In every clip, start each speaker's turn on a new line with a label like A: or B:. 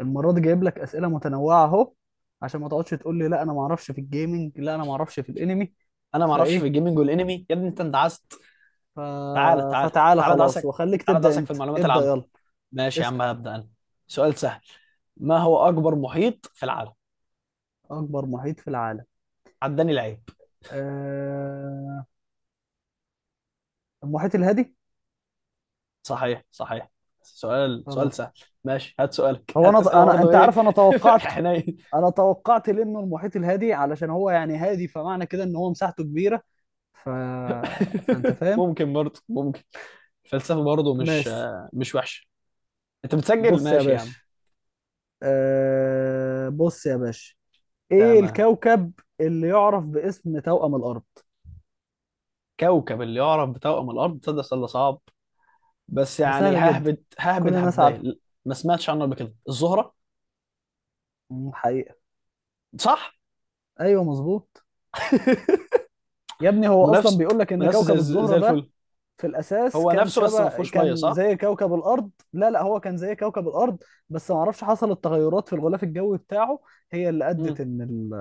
A: المره دي جايب لك اسئله متنوعه اهو عشان ما تقعدش تقول لي لا انا ما اعرفش في الجيمنج، لا انا ما اعرفش في الانمي.
B: انا ما اعرفش في
A: فايه؟
B: الجيمنج والانمي يا ابني، انت اندعست.
A: ف...
B: تعالى تعالى
A: فتعالى
B: تعالى
A: خلاص
B: دعسك.
A: وخليك
B: تعالى
A: تبدا،
B: دعسك في
A: انت
B: المعلومات
A: ابدا
B: العامه.
A: يلا.
B: ماشي يا عم،
A: اسال.
B: هبدا انا. سؤال سهل. ما هو اكبر محيط في العالم؟
A: اكبر محيط في العالم؟
B: عداني العيب.
A: أه... المحيط الهادي.
B: صحيح صحيح. سؤال
A: خلاص.
B: سهل. ماشي، هات سؤالك.
A: هو
B: هات
A: انا
B: اسئله برضه.
A: انت
B: ايه؟
A: عارف، انا
B: في
A: توقعت.
B: حنين.
A: انا توقعت لانه المحيط الهادي، علشان هو يعني هادي، فمعنى كده ان هو مساحته كبيره. ف... فانت فاهم.
B: ممكن برضه ممكن. الفلسفه برضه مش
A: ماشي.
B: مش وحشه. انت بتسجل؟
A: بص يا
B: ماشي يا
A: باشا.
B: عم.
A: بص يا باشا، ايه
B: تمام.
A: الكوكب اللي يعرف باسم توأم الارض؟
B: كوكب اللي يعرف بتوأم الارض، تصدق سؤال ده صعب، بس
A: ده
B: يعني
A: سهل جدا،
B: ههبد
A: كل
B: ههبد
A: الناس عارفه.
B: هبدايه. ما سمعتش عنه قبل كده، الزهره.
A: حقيقة.
B: صح.
A: ايوه مظبوط. يا ابني هو اصلا
B: منافس.
A: بيقول لك ان
B: منافس
A: كوكب
B: زي
A: الزهرة
B: زي
A: ده
B: الفل.
A: في الاساس
B: هو
A: كان
B: نفسه بس ما
A: شبه
B: فيهوش ميه،
A: كان
B: صح.
A: زي كوكب الارض. لا لا، هو كان زي كوكب الارض. بس ما اعرفش حصلت تغيرات في الغلاف الجوي بتاعه، هي اللي ادت
B: امم
A: ان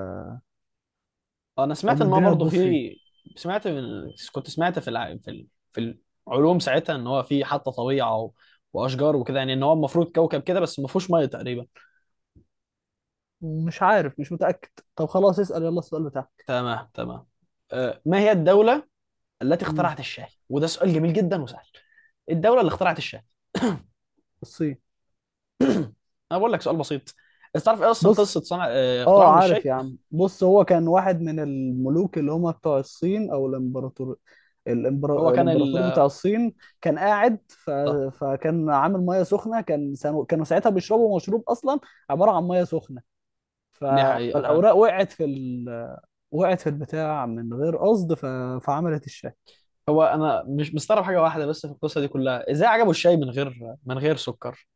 B: انا
A: ان
B: سمعت ان هو
A: الدنيا
B: برضه
A: تبوظ فيه.
B: في. سمعت من... كنت سمعت في العلوم ساعتها ان هو في حتى طبيعه واشجار وكده، يعني ان هو المفروض كوكب كده بس ما فيهوش ميه تقريبا.
A: مش عارف، مش متأكد. طب خلاص اسأل يلا السؤال بتاعك.
B: تمام تمام. ما هي الدوله التي
A: مم،
B: اخترعت الشاي؟ وده سؤال جميل جدا وسهل. الدوله اللي اخترعت الشاي.
A: الصين.
B: انا بقول لك سؤال بسيط. انت تعرف ايه اصلا
A: بص،
B: قصه صنع،
A: اه
B: اختراعهم
A: عارف
B: للشاي؟
A: يا عم. بص، هو كان واحد من الملوك اللي هم بتوع الصين، او الامبراطور.
B: هو كان ال...
A: الامبراطور بتاع الصين كان قاعد
B: ده.
A: فكان عامل ميه سخنه. كانوا ساعتها بيشربوا مشروب اصلا عباره عن ميه سخنه. ف...
B: دي حقيقه فعلا.
A: فالاوراق وقعت في وقعت في البتاع من غير قصد، فعملت الشاي.
B: هو انا مش مستغرب حاجه واحده بس في القصه دي كلها، ازاي عجبه الشاي من غير سكر.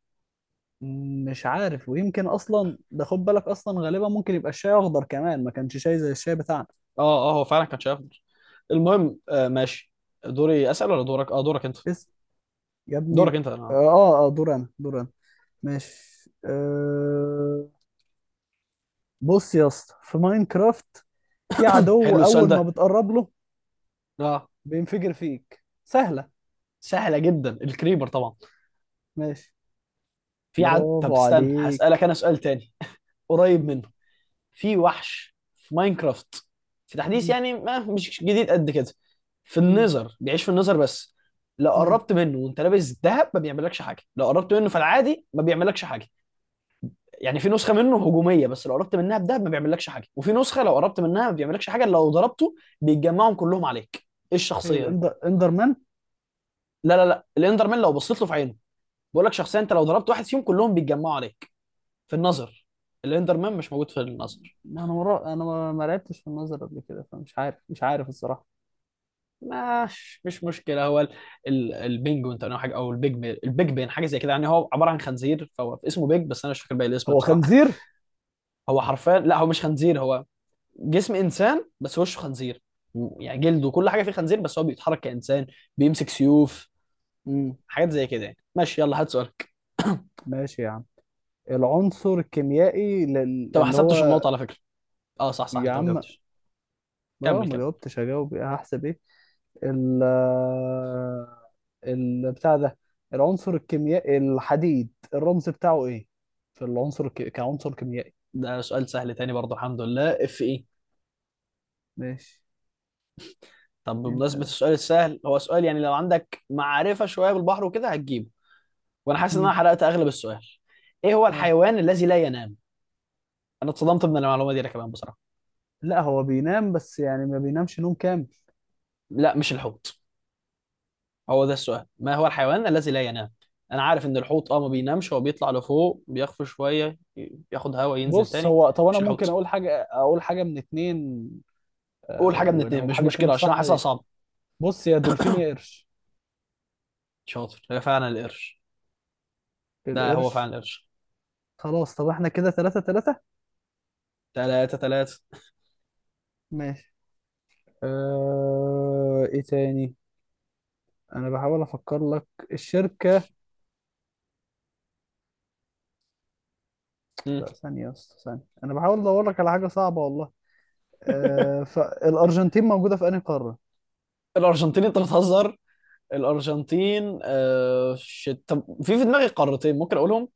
A: مش عارف، ويمكن اصلا ده، خد بالك اصلا، غالبا ممكن يبقى الشاي اخضر كمان، ما كانش شاي زي الشاي بتاعنا.
B: اه. اه، هو فعلا كان شاي افضل. المهم ماشي، دوري اسال ولا دورك؟ اه، دورك انت.
A: بس يا ابني. اه.
B: دورك انت انا.
A: اه. دور انا، دور أنا. ماشي. بص يا اسطى، في ماينكرافت في عدو
B: حلو السؤال
A: اول ما
B: ده.
A: بتقرب له
B: اه.
A: بينفجر فيك، سهلة.
B: سهله جدا، الكريبر طبعا.
A: ماشي،
B: في عد طب
A: برافو
B: استنى هسالك
A: عليك.
B: انا سؤال تاني. قريب
A: مم.
B: منه. في وحش في ماينكرافت، في تحديث
A: مم.
B: يعني ما مش جديد قد كده، في
A: مم.
B: النظر، بيعيش في النظر بس. لو
A: مم.
B: قربت منه وانت لابس ذهب ما بيعملكش حاجه، لو قربت منه في العادي ما بيعملكش حاجه. يعني في نسخه منه هجوميه بس لو قربت منها بذهب ما بيعملكش حاجه، وفي نسخه لو قربت منها ما بيعملكش حاجه، لو ضربته بيتجمعهم كلهم عليك. ايه
A: ايه،
B: الشخصيه دي؟
A: الاندر، اندرمان.
B: لا لا لا، الاندرمان لو بصيت له في عينه. بقول لك شخصيه انت لو ضربت واحد فيهم كلهم بيتجمعوا عليك، في النظر. الاندرمان مش موجود في النظر.
A: ما انا مرا... انا ما ما لعبتش في النظر قبل كده فمش عارف، مش عارف الصراحة.
B: مش مشكله. هو البينجوين تقريبا حاجه، او البيج بين حاجه زي كده، يعني هو عباره عن خنزير فهو اسمه بيج، بس انا مش فاكر باقي الاسم
A: هو
B: بصراحه.
A: خنزير؟
B: هو حرفيا، لا هو مش خنزير، هو جسم انسان بس وشه خنزير يعني جلده وكل حاجه فيه خنزير، بس هو بيتحرك كانسان، بيمسك سيوف،
A: مم.
B: حاجات زي كده يعني. ماشي يلا، هات سؤالك.
A: ماشي يا عم. العنصر الكيميائي
B: انت ما
A: اللي
B: حسبتش
A: هو،
B: النقطه على فكره. اه صح صح،
A: يا
B: انت ما
A: عم
B: جاوبتش.
A: اه
B: كمل
A: ما
B: كمل.
A: جاوبتش، هجاوب ايه، هحسب ايه. ال ال بتاع ده. العنصر الكيميائي الحديد الرمز بتاعه ايه؟ في العنصر كعنصر كيميائي.
B: ده سؤال سهل تاني برضه، الحمد لله. اف ايه.
A: ماشي.
B: طب
A: انت
B: بمناسبه
A: ده.
B: السؤال السهل، هو سؤال يعني لو عندك معرفه شويه بالبحر وكده هتجيبه. وانا حاسس ان
A: مم.
B: انا حرقت اغلب السؤال. ايه هو
A: اه،
B: الحيوان الذي لا ينام؟ انا اتصدمت من المعلومه دي انا كمان بصراحه.
A: لا هو بينام، بس يعني ما بينامش نوم كامل.
B: لا مش الحوت. هو ده السؤال، ما هو الحيوان الذي لا ينام. انا عارف ان الحوت اه ما بينامش، هو بيطلع لفوق بيخفى شويه، ياخد هواء ينزل
A: بص،
B: تاني.
A: هو طب انا
B: مش
A: ممكن
B: الحوت.
A: اقول حاجه، من اتنين.
B: قول
A: آه
B: حاجه من
A: ولو
B: اتنين مش
A: حاجه فيهم
B: مشكله، عشان انا
A: صح؟
B: حاسسها صعبه.
A: بص، يا دولفين يا قرش.
B: شاطر، هي فعلا القرش. ده هو فعلا
A: القرش.
B: القرش.
A: خلاص، طب احنا كده تلاتة تلاتة.
B: 3-3.
A: ماشي. ايه تاني؟ انا بحاول افكر لك. الشركة. لا
B: مم.
A: ثانية يا اسطى، ثانية، أنا بحاول أدور لك على حاجة صعبة والله. فالأرجنتين موجودة في أنهي قارة؟
B: الارجنتين، انت بتهزر؟ الارجنتين طب في دماغي قارتين ممكن اقولهم.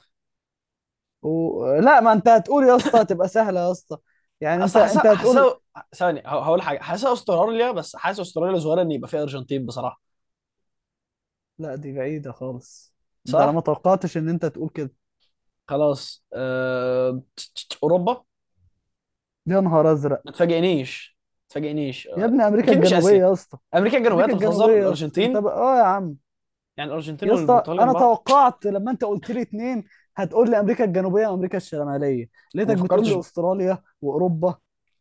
A: و... لا ما أنت هتقول يا اسطى تبقى سهلة يا اسطى. يعني أنت
B: اصل حاسه
A: أنت هتقول.
B: حاسه ثانية. هقول حاجة، حاسه استراليا، بس حاسه استراليا صغيرة ان يبقى فيها ارجنتين بصراحة.
A: لا دي بعيدة خالص. ده أنا ما
B: صح؟
A: توقعتش إن أنت تقول كده.
B: خلاص اوروبا.
A: يا نهار أزرق.
B: ما تفاجئنيش،
A: يا ابني أمريكا
B: اكيد مش
A: الجنوبية
B: اسيا.
A: يا اسطى.
B: امريكا الجنوبية؟
A: أمريكا
B: انت
A: الجنوبية
B: بتهزر.
A: يا اسطى، أنت
B: الارجنتين؟
A: بقى آه يا عم.
B: يعني الارجنتين
A: يا اسطى
B: والبرتغال جنب
A: أنا
B: بعض؟
A: توقعت لما أنت قلت لي اتنين هتقول لي أمريكا الجنوبية وأمريكا الشمالية،
B: وما
A: لقيتك بتقول
B: فكرتش.
A: لي أستراليا وأوروبا.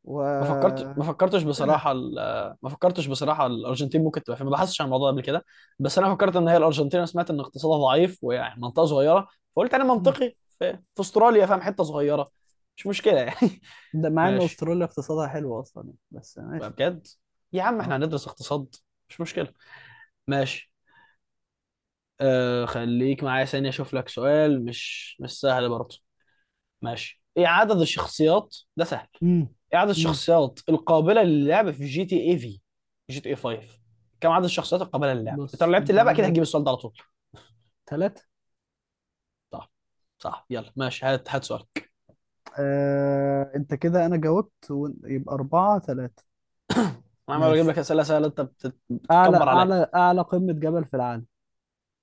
A: و
B: ما فكرتش بصراحه الارجنتين ممكن تبقى فين، ما بحثتش عن الموضوع ده قبل كده. بس انا فكرت ان هي الارجنتين، أنا سمعت ان اقتصادها ضعيف ويعني منطقه صغيره، فقلت انا
A: كده.
B: منطقي في استراليا، فاهم؟ حته صغيره، مش مشكله يعني.
A: ده مع ان
B: ماشي
A: استراليا اقتصادها حلو اصلا يعني. بس
B: بقى
A: ماشي.
B: بجد، يا عم
A: اه.
B: احنا هندرس اقتصاد. مش مشكله، ماشي. خليك معايا ثانيه اشوف لك سؤال مش سهل برضه. ماشي. ايه عدد الشخصيات؟ ده سهل.
A: امم.
B: ايه عدد
A: امم.
B: الشخصيات القابله للعب في جي تي اي في، جي تي اي 5؟ كم عدد الشخصيات القابله للعب؟ انت لو
A: بص
B: لعبت
A: انت
B: اللعبه اكيد هتجيب
A: عندك
B: السؤال ده على طول.
A: ثلاثة.
B: صح. صح، يلا ماشي، هات سؤالك.
A: انت كده انا جاوبت و- يبقى اربعة ثلاثة.
B: انا عمال اجيب
A: ماشي.
B: لك اسئله سهله، انت بتتكبر عليا.
A: اعلى قمة جبل في العالم.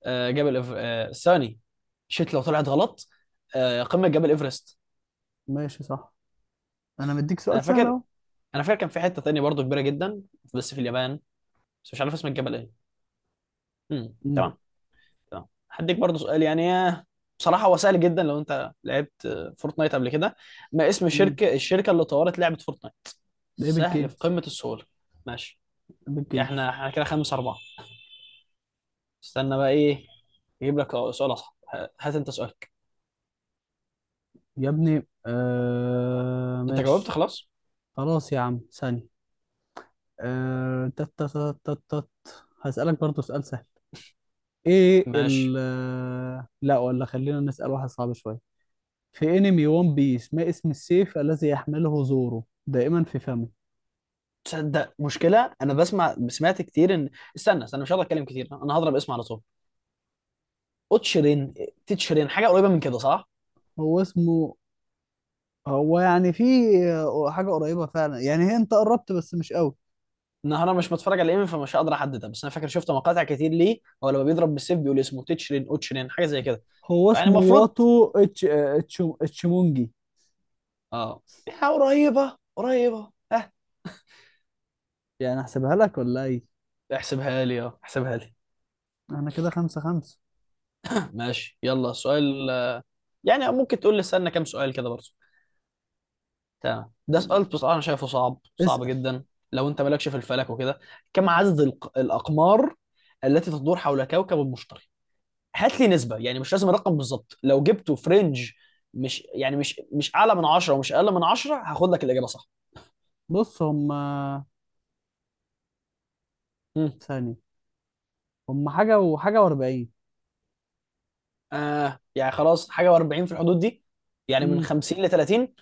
B: آه جبل إف... آه ثاني، شيت لو طلعت غلط. قمه جبل ايفرست.
A: ماشي صح، انا مديك
B: انا
A: سؤال سهل
B: فاكر،
A: اهو.
B: انا فاكر كان في حته تانية برضو كبيره جدا بس في اليابان، بس مش عارف اسم الجبل ايه. امم،
A: امم.
B: تمام. تمام. هديك برضه سؤال يعني، بصراحة هو سهل جدا لو أنت لعبت، فورتنايت قبل كده. ما اسم
A: امم.
B: الشركة اللي طورت لعبة فورتنايت؟
A: ده ايبك
B: سهل، في
A: جيمز.
B: قمة السهولة. ماشي.
A: ايبك
B: احنا
A: جيمز.
B: احنا كده 5-4. استنى بقى إيه، أجيب لك سؤال أصعب. هات أنت سؤالك.
A: يا ابني آه
B: أنت جاوبت
A: ماشي.
B: خلاص.
A: خلاص يا عم ثانية. آه تت تت تت تت. هسألك برضو سؤال سهل. ايه ال
B: ماشي.
A: لا ولا خلينا نسأل واحد صعب شوية. في انمي ون بيس ما اسم السيف الذي يحمله زورو دائما في فمه؟
B: تصدق مشكلة أنا بسمع، سمعت كتير إن، استنى مش هقدر أتكلم كتير، أنا هضرب اسم على طول. أوتشرين، تيتشرين، حاجة قريبة من كده صح؟
A: هو اسمه، هو يعني في حاجة قريبة فعلا يعني، هي انت قربت بس مش قوي.
B: النهار، انا مش متفرج على الانمي فمش هقدر احددها، بس انا فاكر شفت مقاطع كتير ليه هو لما بيضرب بالسيف بيقول اسمه تيتشرين، اوتشرين، حاجه زي كده،
A: هو
B: فيعني
A: اسمه
B: المفروض.
A: واتو اتش اتش اتشمونجي.
B: اه، يا قريبه قريبه، ها.
A: يعني احسبها لك ولا ايه؟
B: احسبها لي.
A: احنا كده خمسة خمسة.
B: ماشي، يلا سؤال. يعني ممكن تقول لي استنى كام سؤال كده برضه. تمام. ده سؤال بصراحه انا شايفه صعب صعب
A: اسأل.
B: جدا، لو انت مالكش في الفلك وكده. كم عدد الاقمار التي تدور حول كوكب المشتري؟ هات لي نسبه، يعني مش لازم الرقم بالظبط، لو جبته في رينج، مش يعني مش مش اعلى من 10 ومش اقل من 10، هاخد لك الاجابه صح.
A: بص هم،
B: مم.
A: ثانية، هم حاجة وحاجة واربعين.
B: آه يعني خلاص، حاجه و40 في الحدود دي، يعني من
A: امم.
B: 50 ل 30.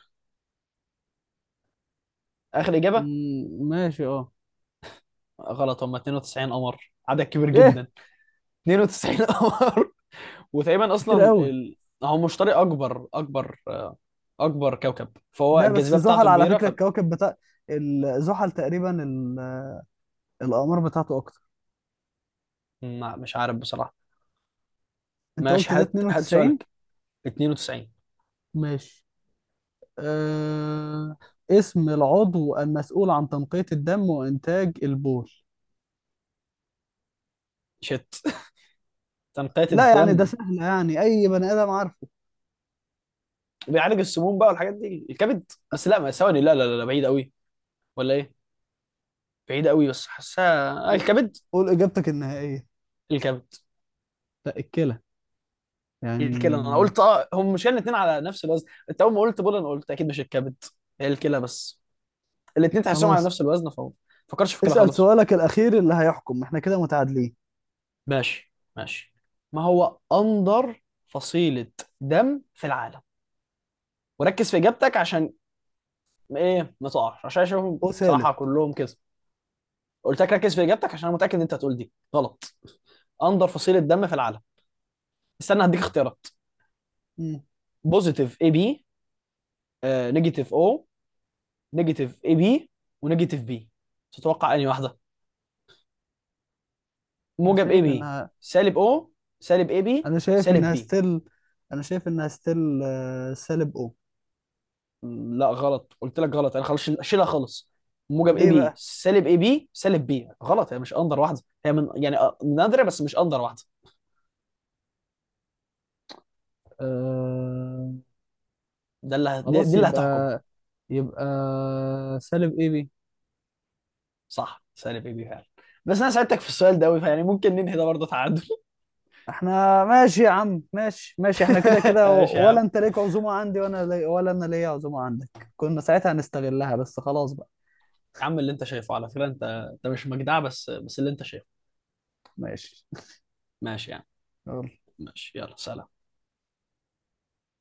B: اخر اجابه.
A: أمم، ماشي اه.
B: غلط، هم 92 قمر، عدد كبير
A: ايه؟
B: جدا. 92 قمر. وتقريبا
A: كتير
B: اصلا
A: قوي.
B: ال... هو مشتري، اكبر كوكب، فهو
A: ده بس
B: الجاذبيه
A: زحل
B: بتاعته
A: على
B: كبيره
A: فكرة،
B: ف.
A: الكواكب بتاع ال- زحل تقريبا ال- الأقمار بتاعته أكتر.
B: مش عارف بصراحه.
A: أنت
B: ماشي،
A: قلت ده
B: هات
A: 92.
B: سؤالك. 92.
A: ماشي. أه... اسم العضو المسؤول عن تنقية الدم وإنتاج البول.
B: شت. تنقية
A: لا يعني ده
B: الدم،
A: سهل، يعني أي بني آدم عارفه.
B: بيعالج السموم بقى والحاجات دي الكبد، بس لا، ما ثواني، لا لا لا لا، بعيد قوي. ولا ايه؟ بعيد قوي بس حاسها، آه، الكبد.
A: قول إجابتك النهائية.
B: الكبد.
A: لا، الكلى
B: الكلى؟ انا
A: يعني.
B: قلت، اه هم مش الاثنين على نفس الوزن، انت اول ما قلت بول انا قلت اكيد مش الكبد، هي الكلى بس. الاثنين تحسهم على
A: خلاص
B: نفس الوزن فما فكرش في الكلى
A: اسأل
B: خالص.
A: سؤالك الأخير اللي هيحكم، احنا كده متعادلين.
B: ماشي ماشي. ما هو اندر فصيلة دم في العالم؟ وركز في اجابتك عشان ايه ما تقعش، عشان اشوفهم
A: أو
B: بصراحة
A: سالب.
B: كلهم كده. قلت لك ركز في اجابتك عشان انا متأكد ان انت هتقول دي غلط. اندر فصيلة دم في العالم. استنى هديك اختيارات.
A: مم.
B: بوزيتيف اي بي، نيجاتيف او، نيجاتيف اي بي، ونيجاتيف بي. تتوقع انهي واحده؟
A: أنا
B: موجب اي
A: شايف
B: بي،
A: إنها،
B: سالب او، سالب اي بي،
A: أنا شايف
B: سالب
A: إنها
B: بي.
A: ستيل. أنا شايف إنها ستيل سالب أو.
B: لا غلط، قلت لك غلط، انا خلاص شيلها خالص. موجب اي
A: ليه
B: بي،
A: بقى؟
B: سالب اي بي، سالب بي غلط. هي مش اندر واحده، هي من يعني نادره بس مش اندر واحده.
A: آه.
B: ده اللي دي
A: خلاص
B: اللي هتحكم.
A: يبقى، يبقى سالب اي بي.
B: صح، سالب اي بي فعلا. بس انا ساعدتك في السؤال ده قوي، فيعني ممكن ننهي ده برضه تعادل.
A: احنا ماشي يا عم، ماشي ماشي. احنا كده كده،
B: ماشي يا
A: ولا
B: عم.
A: انت ليك عزومة عندي وانا لي... ولا انا ليا عزومة عندك؟ كنا ساعتها هنستغلها، بس خلاص بقى.
B: يا عم اللي انت شايفه، على فكرة انت، انت مش مجدع، بس اللي انت شايفه.
A: ماشي.
B: ماشي يعني.
A: يلا.
B: ماشي، يلا سلام.